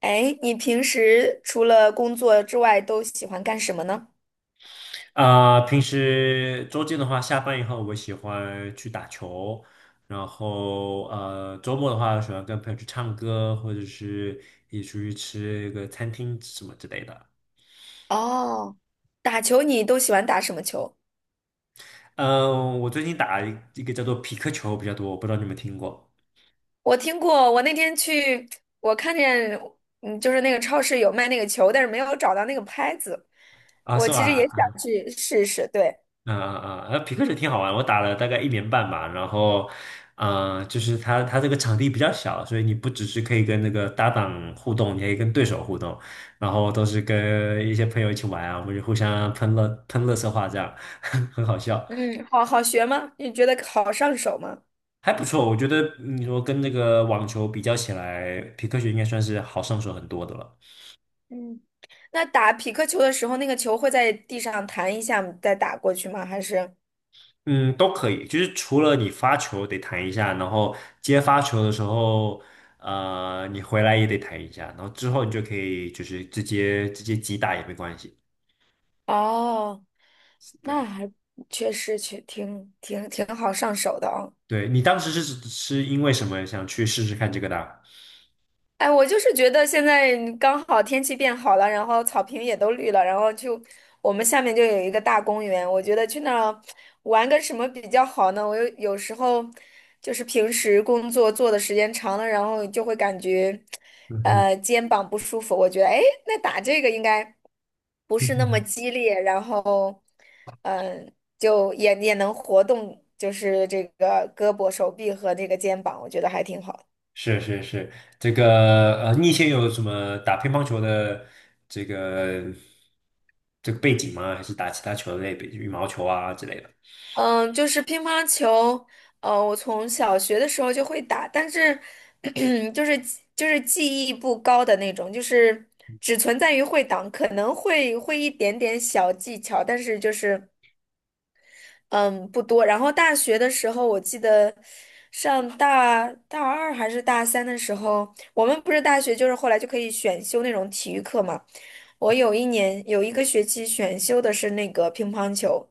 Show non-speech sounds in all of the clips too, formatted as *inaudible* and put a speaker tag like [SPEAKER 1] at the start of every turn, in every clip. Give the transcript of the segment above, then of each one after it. [SPEAKER 1] 哎，你平时除了工作之外都喜欢干什么呢？
[SPEAKER 2] 啊、平时周间的话，下班以后我喜欢去打球，然后周末的话喜欢跟朋友去唱歌，或者是一起出去吃一个餐厅什么之类的。
[SPEAKER 1] 哦，打球你都喜欢打什么球？
[SPEAKER 2] 嗯、我最近打一个叫做匹克球比较多，我不知道你们听过
[SPEAKER 1] 我听过，我那天去，我看见，就是那个超市有卖那个球，但是没有找到那个拍子。
[SPEAKER 2] 啊？
[SPEAKER 1] 我
[SPEAKER 2] 是
[SPEAKER 1] 其实也
[SPEAKER 2] 吧？
[SPEAKER 1] 想去试试，对。
[SPEAKER 2] 嗯嗯嗯，匹克球挺好玩，我打了大概1年半吧。然后，啊，就是它这个场地比较小，所以你不只是可以跟那个搭档互动，你还可以跟对手互动。然后都是跟一些朋友一起玩啊，我们就互相喷乐喷乐色话，这样 *laughs* 很好笑，
[SPEAKER 1] 嗯，好好学吗？你觉得好上手吗？
[SPEAKER 2] 还不错。我觉得你说跟那个网球比较起来，皮克球应该算是好上手很多的了。
[SPEAKER 1] 嗯，那打匹克球的时候，那个球会在地上弹一下再打过去吗？还是？
[SPEAKER 2] 嗯，都可以，就是除了你发球得弹一下，然后接发球的时候，你回来也得弹一下，然后之后你就可以就是直接击打也没关系。
[SPEAKER 1] 哦。
[SPEAKER 2] 是
[SPEAKER 1] 那
[SPEAKER 2] 的，
[SPEAKER 1] 还确实挺好上手的啊、
[SPEAKER 2] 对，你当时是是因为什么想去试试看这个的？
[SPEAKER 1] 哎，我就是觉得现在刚好天气变好了，然后草坪也都绿了，然后就我们下面就有一个大公园，我觉得去那儿玩个什么比较好呢？我有时候就是平时工作做的时间长了，然后就会感觉
[SPEAKER 2] 嗯哼，
[SPEAKER 1] 肩膀不舒服，我觉得哎，那打这个应该不
[SPEAKER 2] *laughs* 嗯
[SPEAKER 1] 是那么
[SPEAKER 2] 哼
[SPEAKER 1] 激烈，然后嗯、呃就也能活动，就是这个胳膊、手臂和这个肩膀，我觉得还挺好的
[SPEAKER 2] 是是是，这个你以前有什么打乒乓球的这个这个背景吗？还是打其他球类，比如羽毛球啊之类的？
[SPEAKER 1] 嗯，就是乒乓球，我从小学的时候就会打，但是 *clears throat* 就是就是技艺不高的那种，就是只存在于会档，可能会一点点小技巧，但是就是嗯不多。然后大学的时候，我记得上大二还是大三的时候，我们不是大学就是后来就可以选修那种体育课嘛。我有一年有一个学期选修的是那个乒乓球，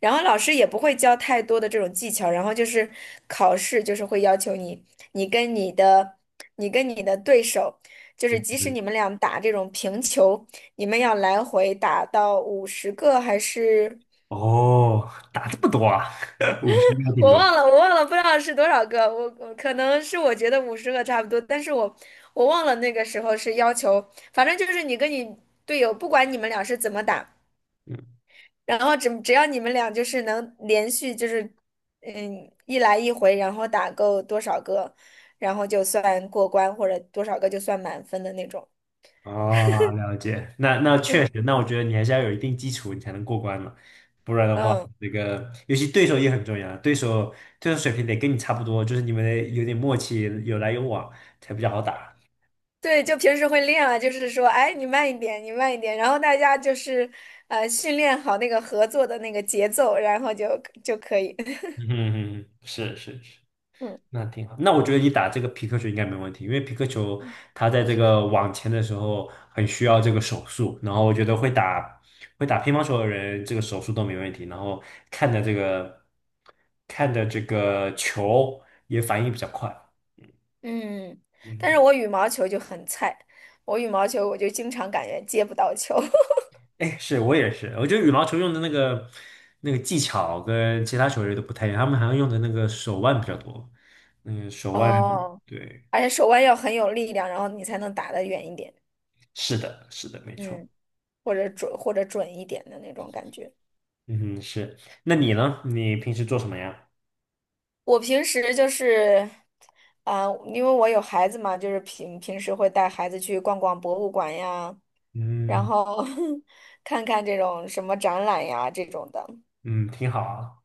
[SPEAKER 1] 然后老师也不会教太多的这种技巧，然后就是考试就是会要求你，你跟你的你跟你的对手，就是
[SPEAKER 2] 嗯
[SPEAKER 1] 即使
[SPEAKER 2] 嗯。
[SPEAKER 1] 你们俩打这种平球，你们要来回打到五十个还是
[SPEAKER 2] 哦，打这么多啊，*laughs* 50还挺多的。
[SPEAKER 1] 我忘了不知道是多少个，我可能是我觉得五十个差不多，但是我我忘了那个时候是要求，反正就是你跟你队友，不管你们俩是怎么打。
[SPEAKER 2] 嗯，
[SPEAKER 1] 然后只要你们俩就是能连续就是一来一回，然后打够多少个，然后就算过关，或者多少个就算满分的那种。
[SPEAKER 2] 哦，了解。那确实，那我觉得你还是要有一定基础，你才能过关嘛。不然的话，
[SPEAKER 1] 嗯，
[SPEAKER 2] 那个尤其对手也很重要，对手水平得跟你差不多，就是你们得有点默契，有来有往才比较好打。
[SPEAKER 1] 对，就平时会练啊，就是说，哎，你慢一点，你慢一点，然后大家就是训练好那个合作的那个节奏，然后就可以。*laughs*
[SPEAKER 2] 嗯哼哼，是是是。
[SPEAKER 1] 嗯
[SPEAKER 2] 那挺好。那我觉得你打这个皮克球应该没问题，因为皮克球它在这个网前的时候很需要这个手速，然后我觉得会打乒乓球的人，这个手速都没问题，然后看的这个看的这个球也反应比较快。
[SPEAKER 1] 嗯，但是
[SPEAKER 2] 嗯，
[SPEAKER 1] 我羽毛球就很菜，我羽毛球我就经常感觉接不到球。*laughs*
[SPEAKER 2] 哎，是我也是，我觉得羽毛球用的那个技巧跟其他球类都不太一样，他们好像用的那个手腕比较多，嗯，手腕，
[SPEAKER 1] 哦，
[SPEAKER 2] 对，
[SPEAKER 1] 而且手腕要很有力量，然后你才能打得远一点。
[SPEAKER 2] 是的，是的，没错。
[SPEAKER 1] 嗯，或者准一点的那种感觉。
[SPEAKER 2] 嗯哼，是。那你呢？你平时做什么呀？
[SPEAKER 1] 我平时就是，啊、因为我有孩子嘛，就是平时会带孩子去逛逛博物馆呀，然
[SPEAKER 2] 嗯
[SPEAKER 1] 后 *laughs* 看看这种什么展览呀这种的，
[SPEAKER 2] 嗯，挺好啊。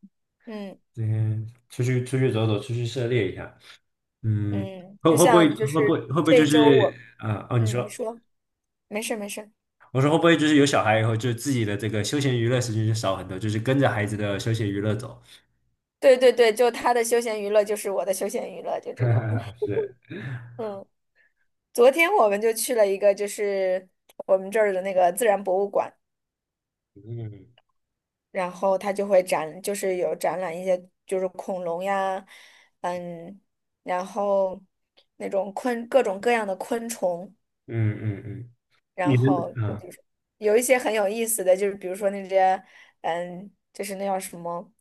[SPEAKER 1] 嗯
[SPEAKER 2] 嗯，出去走走，出去涉猎一下。嗯，
[SPEAKER 1] 嗯，
[SPEAKER 2] 会
[SPEAKER 1] 就
[SPEAKER 2] 会不会
[SPEAKER 1] 像就
[SPEAKER 2] 会不
[SPEAKER 1] 是
[SPEAKER 2] 会会不会就
[SPEAKER 1] 这周
[SPEAKER 2] 是
[SPEAKER 1] 我，
[SPEAKER 2] 啊、哦，你
[SPEAKER 1] 你
[SPEAKER 2] 说，
[SPEAKER 1] 说没事没事，
[SPEAKER 2] 我说会不会就是有小孩以后，就自己的这个休闲娱乐时间就少很多，就是跟着孩子的休闲娱乐走。
[SPEAKER 1] 对对对，就他的休闲娱乐就是我的休闲娱乐，就这种，
[SPEAKER 2] *laughs* 是，
[SPEAKER 1] *laughs* 嗯。昨天我们就去了一个，就是我们这儿的那个自然博物馆，
[SPEAKER 2] 嗯
[SPEAKER 1] 然后它就会展，就是有展览一些就是恐龙呀，嗯，然后那种各种各样的昆虫，
[SPEAKER 2] 嗯嗯嗯，你
[SPEAKER 1] 然
[SPEAKER 2] 们
[SPEAKER 1] 后就是有一些很有意思的，就是比如说那些，就是那叫什么？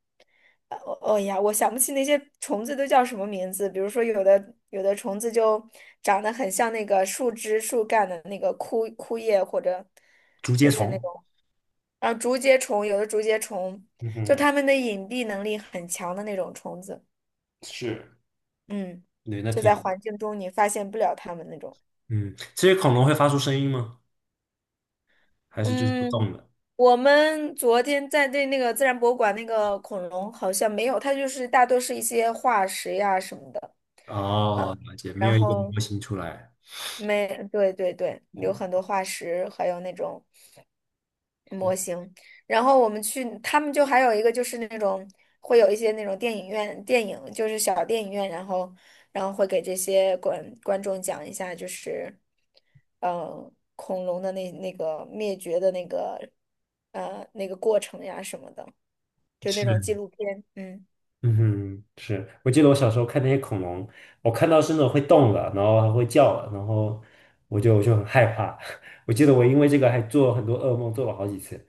[SPEAKER 1] 哦哎呀，我想不起那些虫子都叫什么名字。比如说，有的虫子就长得很像那个树枝、树干的那个枯叶，或者
[SPEAKER 2] 竹节
[SPEAKER 1] 就是那
[SPEAKER 2] 虫，
[SPEAKER 1] 种，啊，竹节虫，有的竹节虫，
[SPEAKER 2] 嗯
[SPEAKER 1] 就
[SPEAKER 2] 哼，
[SPEAKER 1] 它们的隐蔽能力很强的那种虫子。
[SPEAKER 2] 是，
[SPEAKER 1] 嗯，
[SPEAKER 2] 对，那
[SPEAKER 1] 就
[SPEAKER 2] 挺
[SPEAKER 1] 在
[SPEAKER 2] 好，
[SPEAKER 1] 环境中你发现不了它们那种。
[SPEAKER 2] 嗯，这些恐龙会发出声音吗？还是就是不
[SPEAKER 1] 嗯，
[SPEAKER 2] 动的？
[SPEAKER 1] 我们昨天在对那个自然博物馆那个恐龙好像没有，它就是大多是一些化石呀什么的，嗯，
[SPEAKER 2] 哦，了解，没
[SPEAKER 1] 然
[SPEAKER 2] 有一个
[SPEAKER 1] 后
[SPEAKER 2] 模型出来。
[SPEAKER 1] 没，对对对，有
[SPEAKER 2] 嗯
[SPEAKER 1] 很多化石，还有那种模
[SPEAKER 2] 嗯，
[SPEAKER 1] 型。然后我们去，他们就还有一个就是那种会有一些那种电影院电影，就是小电影院，然后会给这些观众讲一下，就是恐龙的那个灭绝的那个那个过程呀什么的，就那种纪
[SPEAKER 2] 是，
[SPEAKER 1] 录片，嗯。
[SPEAKER 2] 嗯哼，是。我记得我小时候看那些恐龙，我看到是那种会动的，然后还会叫的，然后我就很害怕。*laughs* 我记得我因为这个还做了很多噩梦，做了好几次。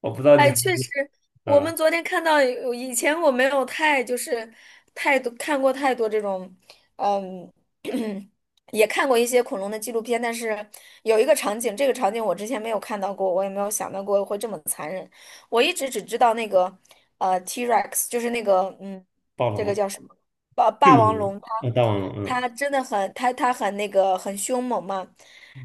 [SPEAKER 2] 我不知道你
[SPEAKER 1] 哎，
[SPEAKER 2] 还
[SPEAKER 1] 确
[SPEAKER 2] 记得
[SPEAKER 1] 实，我们
[SPEAKER 2] 呃，
[SPEAKER 1] 昨天看到有，以前我没有太就是太多看过太多这种，嗯，*clears throat* 也看过一些恐龙的纪录片，但是有一个场景，这个场景我之前没有看到过，我也没有想到过会这么残忍。我一直只知道那个T-Rex，就是那个
[SPEAKER 2] 暴
[SPEAKER 1] 这个
[SPEAKER 2] 龙、
[SPEAKER 1] 叫什么霸
[SPEAKER 2] 迅
[SPEAKER 1] 霸
[SPEAKER 2] 猛
[SPEAKER 1] 王
[SPEAKER 2] 龙、
[SPEAKER 1] 龙，
[SPEAKER 2] 大王龙，嗯
[SPEAKER 1] 它真的很它很那个很凶猛嘛，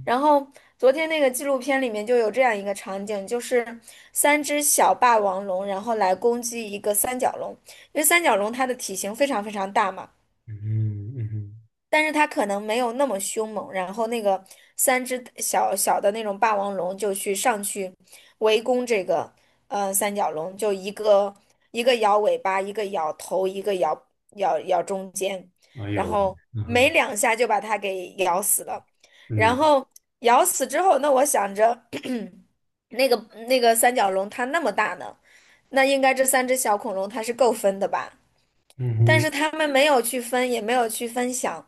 [SPEAKER 1] 然后昨天那个纪录片里面就有这样一个场景，就是三只小霸王龙，然后来攻击一个三角龙，因为三角龙它的体型非常非常大嘛，
[SPEAKER 2] 嗯嗯
[SPEAKER 1] 但是它可能没有那么凶猛，然后那个三只小小的那种霸王龙就去上去围攻这个三角龙，就一个一个摇尾巴，一个摇头，一个摇中间，
[SPEAKER 2] 哼，哎
[SPEAKER 1] 然
[SPEAKER 2] 呦，
[SPEAKER 1] 后
[SPEAKER 2] 嗯
[SPEAKER 1] 没
[SPEAKER 2] 哼
[SPEAKER 1] 两下就把它给咬死了。然
[SPEAKER 2] 嗯
[SPEAKER 1] 后咬死之后，那我想着 *clears throat* 那个那个三角龙它那么大呢，那应该这三只小恐龙它是够分的吧？
[SPEAKER 2] 嗯
[SPEAKER 1] 但
[SPEAKER 2] 哼，
[SPEAKER 1] 是他们没有去分，也没有去分享。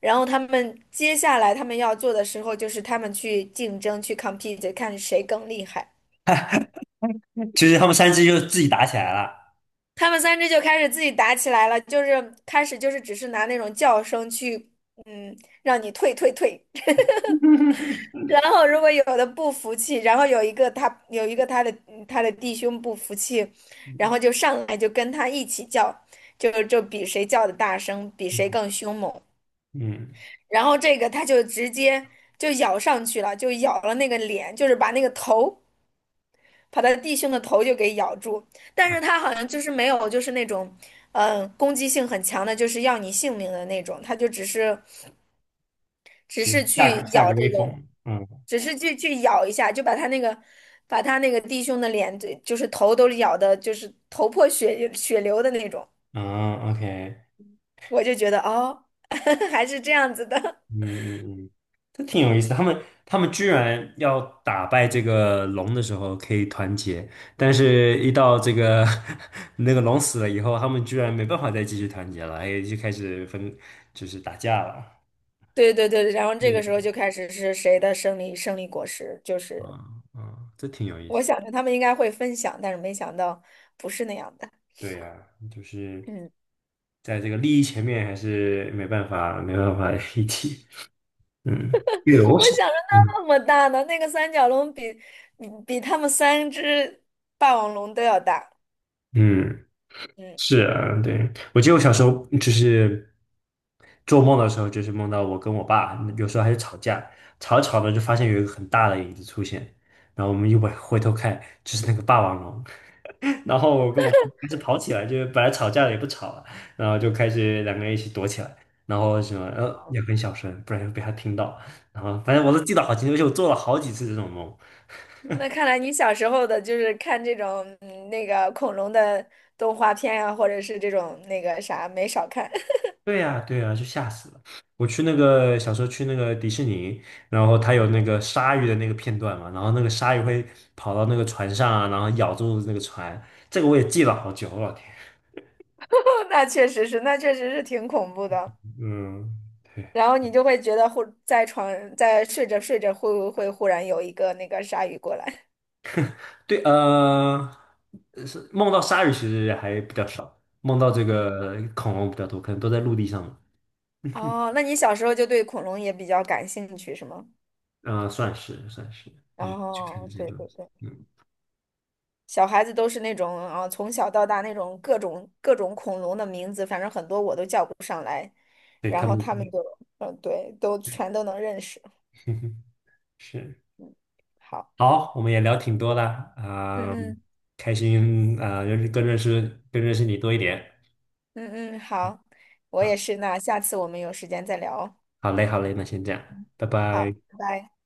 [SPEAKER 1] 然后他们接下来他们要做的时候，就是他们去竞争，去 compete，看谁更厉害。
[SPEAKER 2] 就是他们三只就自己打起来了。
[SPEAKER 1] 他们三只就开始自己打起来了，就是开始就是只是拿那种叫声去，嗯，让你退退退。
[SPEAKER 2] *laughs*
[SPEAKER 1] 然后如果有的不服气，然后有一个他有一个他的他的弟兄不服气，然后
[SPEAKER 2] 嗯
[SPEAKER 1] 就上来就跟他一起叫，就比谁叫的大声，比谁
[SPEAKER 2] 嗯
[SPEAKER 1] 更凶猛。
[SPEAKER 2] 嗯，
[SPEAKER 1] 然后这个他就直接就咬上去了，就咬了那个脸，就是把那个头，把他弟兄的头就给咬住。但
[SPEAKER 2] 啊，
[SPEAKER 1] 是他好像就是没有，就是那种，攻击性很强的，就是要你性命的那种。他就只是，只
[SPEAKER 2] 就
[SPEAKER 1] 是
[SPEAKER 2] 下
[SPEAKER 1] 去
[SPEAKER 2] 个下
[SPEAKER 1] 咬
[SPEAKER 2] 个威
[SPEAKER 1] 这个，
[SPEAKER 2] 风。嗯。
[SPEAKER 1] 只是去咬一下，就把他那个，弟兄的脸，对，就是头都咬的，就是头破血流的那种。
[SPEAKER 2] 啊，OK，
[SPEAKER 1] 我就觉得哦，*laughs* 还是这样子的。
[SPEAKER 2] 嗯嗯嗯，这挺有意思的。他们居然要打败这个龙的时候可以团结，但是一到这个 *laughs* 那个龙死了以后，他们居然没办法再继续团结了，还就开始分，就是打架了。
[SPEAKER 1] 对对对，然后这个时候就
[SPEAKER 2] 嗯
[SPEAKER 1] 开始是谁的胜利果实，就是
[SPEAKER 2] 啊啊，这挺有意
[SPEAKER 1] 我
[SPEAKER 2] 思。
[SPEAKER 1] 想着他们应该会分享，但是没想到不是那样的。
[SPEAKER 2] 对呀，就是
[SPEAKER 1] 嗯
[SPEAKER 2] 在这个利益前面还是没办法，没办法一起。嗯，对，
[SPEAKER 1] *laughs*，
[SPEAKER 2] 我
[SPEAKER 1] 我想着
[SPEAKER 2] 嗯
[SPEAKER 1] 那么大呢，那个三角龙比他们三只霸王龙都要大。
[SPEAKER 2] 嗯，
[SPEAKER 1] 嗯，
[SPEAKER 2] 是啊，对，我记得我小时候就是。做梦的时候就是梦到我跟我爸，有时候还是吵架，吵着吵着就发现有一个很大的影子出现，然后我们回头看，就是那个霸王龙，*laughs* 然后我跟我爸开始跑起来，就是本来吵架了也不吵了，然后就开始两个人一起躲起来，然后什么也很小声，不然会被他听到，然后反正我都记得好清楚，而且我做了好几次这种梦。
[SPEAKER 1] 那看来你小时候的就是看这种那个恐龙的动画片啊，或者是这种那个啥没少看。*laughs*
[SPEAKER 2] 对呀，对呀，就吓死了！我去那个小时候去那个迪士尼，然后它有
[SPEAKER 1] 嗯，
[SPEAKER 2] 那个鲨鱼的那个片段嘛，然后那个鲨鱼会跑到那个船上啊然后咬住那个船，这个我也记了好久，我老天，
[SPEAKER 1] 那确实是，那确实是挺恐怖的。
[SPEAKER 2] 嗯，对
[SPEAKER 1] 然后你就会觉得忽在床在睡着睡着会忽然有一个那个鲨鱼过来，
[SPEAKER 2] 对，是梦到鲨鱼其实还比较少，梦到这
[SPEAKER 1] 嗯，
[SPEAKER 2] 个恐龙比较多，可能都在陆地上嘛，
[SPEAKER 1] 哦，那你小时候就对恐龙也比较感兴趣是吗？
[SPEAKER 2] 啊、算是算是，嗯，去看这
[SPEAKER 1] 哦，
[SPEAKER 2] 些
[SPEAKER 1] 对
[SPEAKER 2] 东
[SPEAKER 1] 对
[SPEAKER 2] 西，
[SPEAKER 1] 对，
[SPEAKER 2] 嗯，
[SPEAKER 1] 小孩子都是那种从小到大那种各种恐龙的名字，反正很多我都叫不上来，
[SPEAKER 2] 对，
[SPEAKER 1] 然
[SPEAKER 2] 他
[SPEAKER 1] 后
[SPEAKER 2] 们
[SPEAKER 1] 他们就对，都全都能认识。
[SPEAKER 2] *laughs* 是。
[SPEAKER 1] 好，
[SPEAKER 2] 好，我们也聊挺多了
[SPEAKER 1] 嗯
[SPEAKER 2] 啊，
[SPEAKER 1] 嗯
[SPEAKER 2] 开心啊，认识你多一点。
[SPEAKER 1] 嗯嗯，好，我
[SPEAKER 2] 啊，
[SPEAKER 1] 也是，那下次我们有时间再聊哦。
[SPEAKER 2] 好嘞，好嘞，那先这样，拜拜。
[SPEAKER 1] 好，拜拜。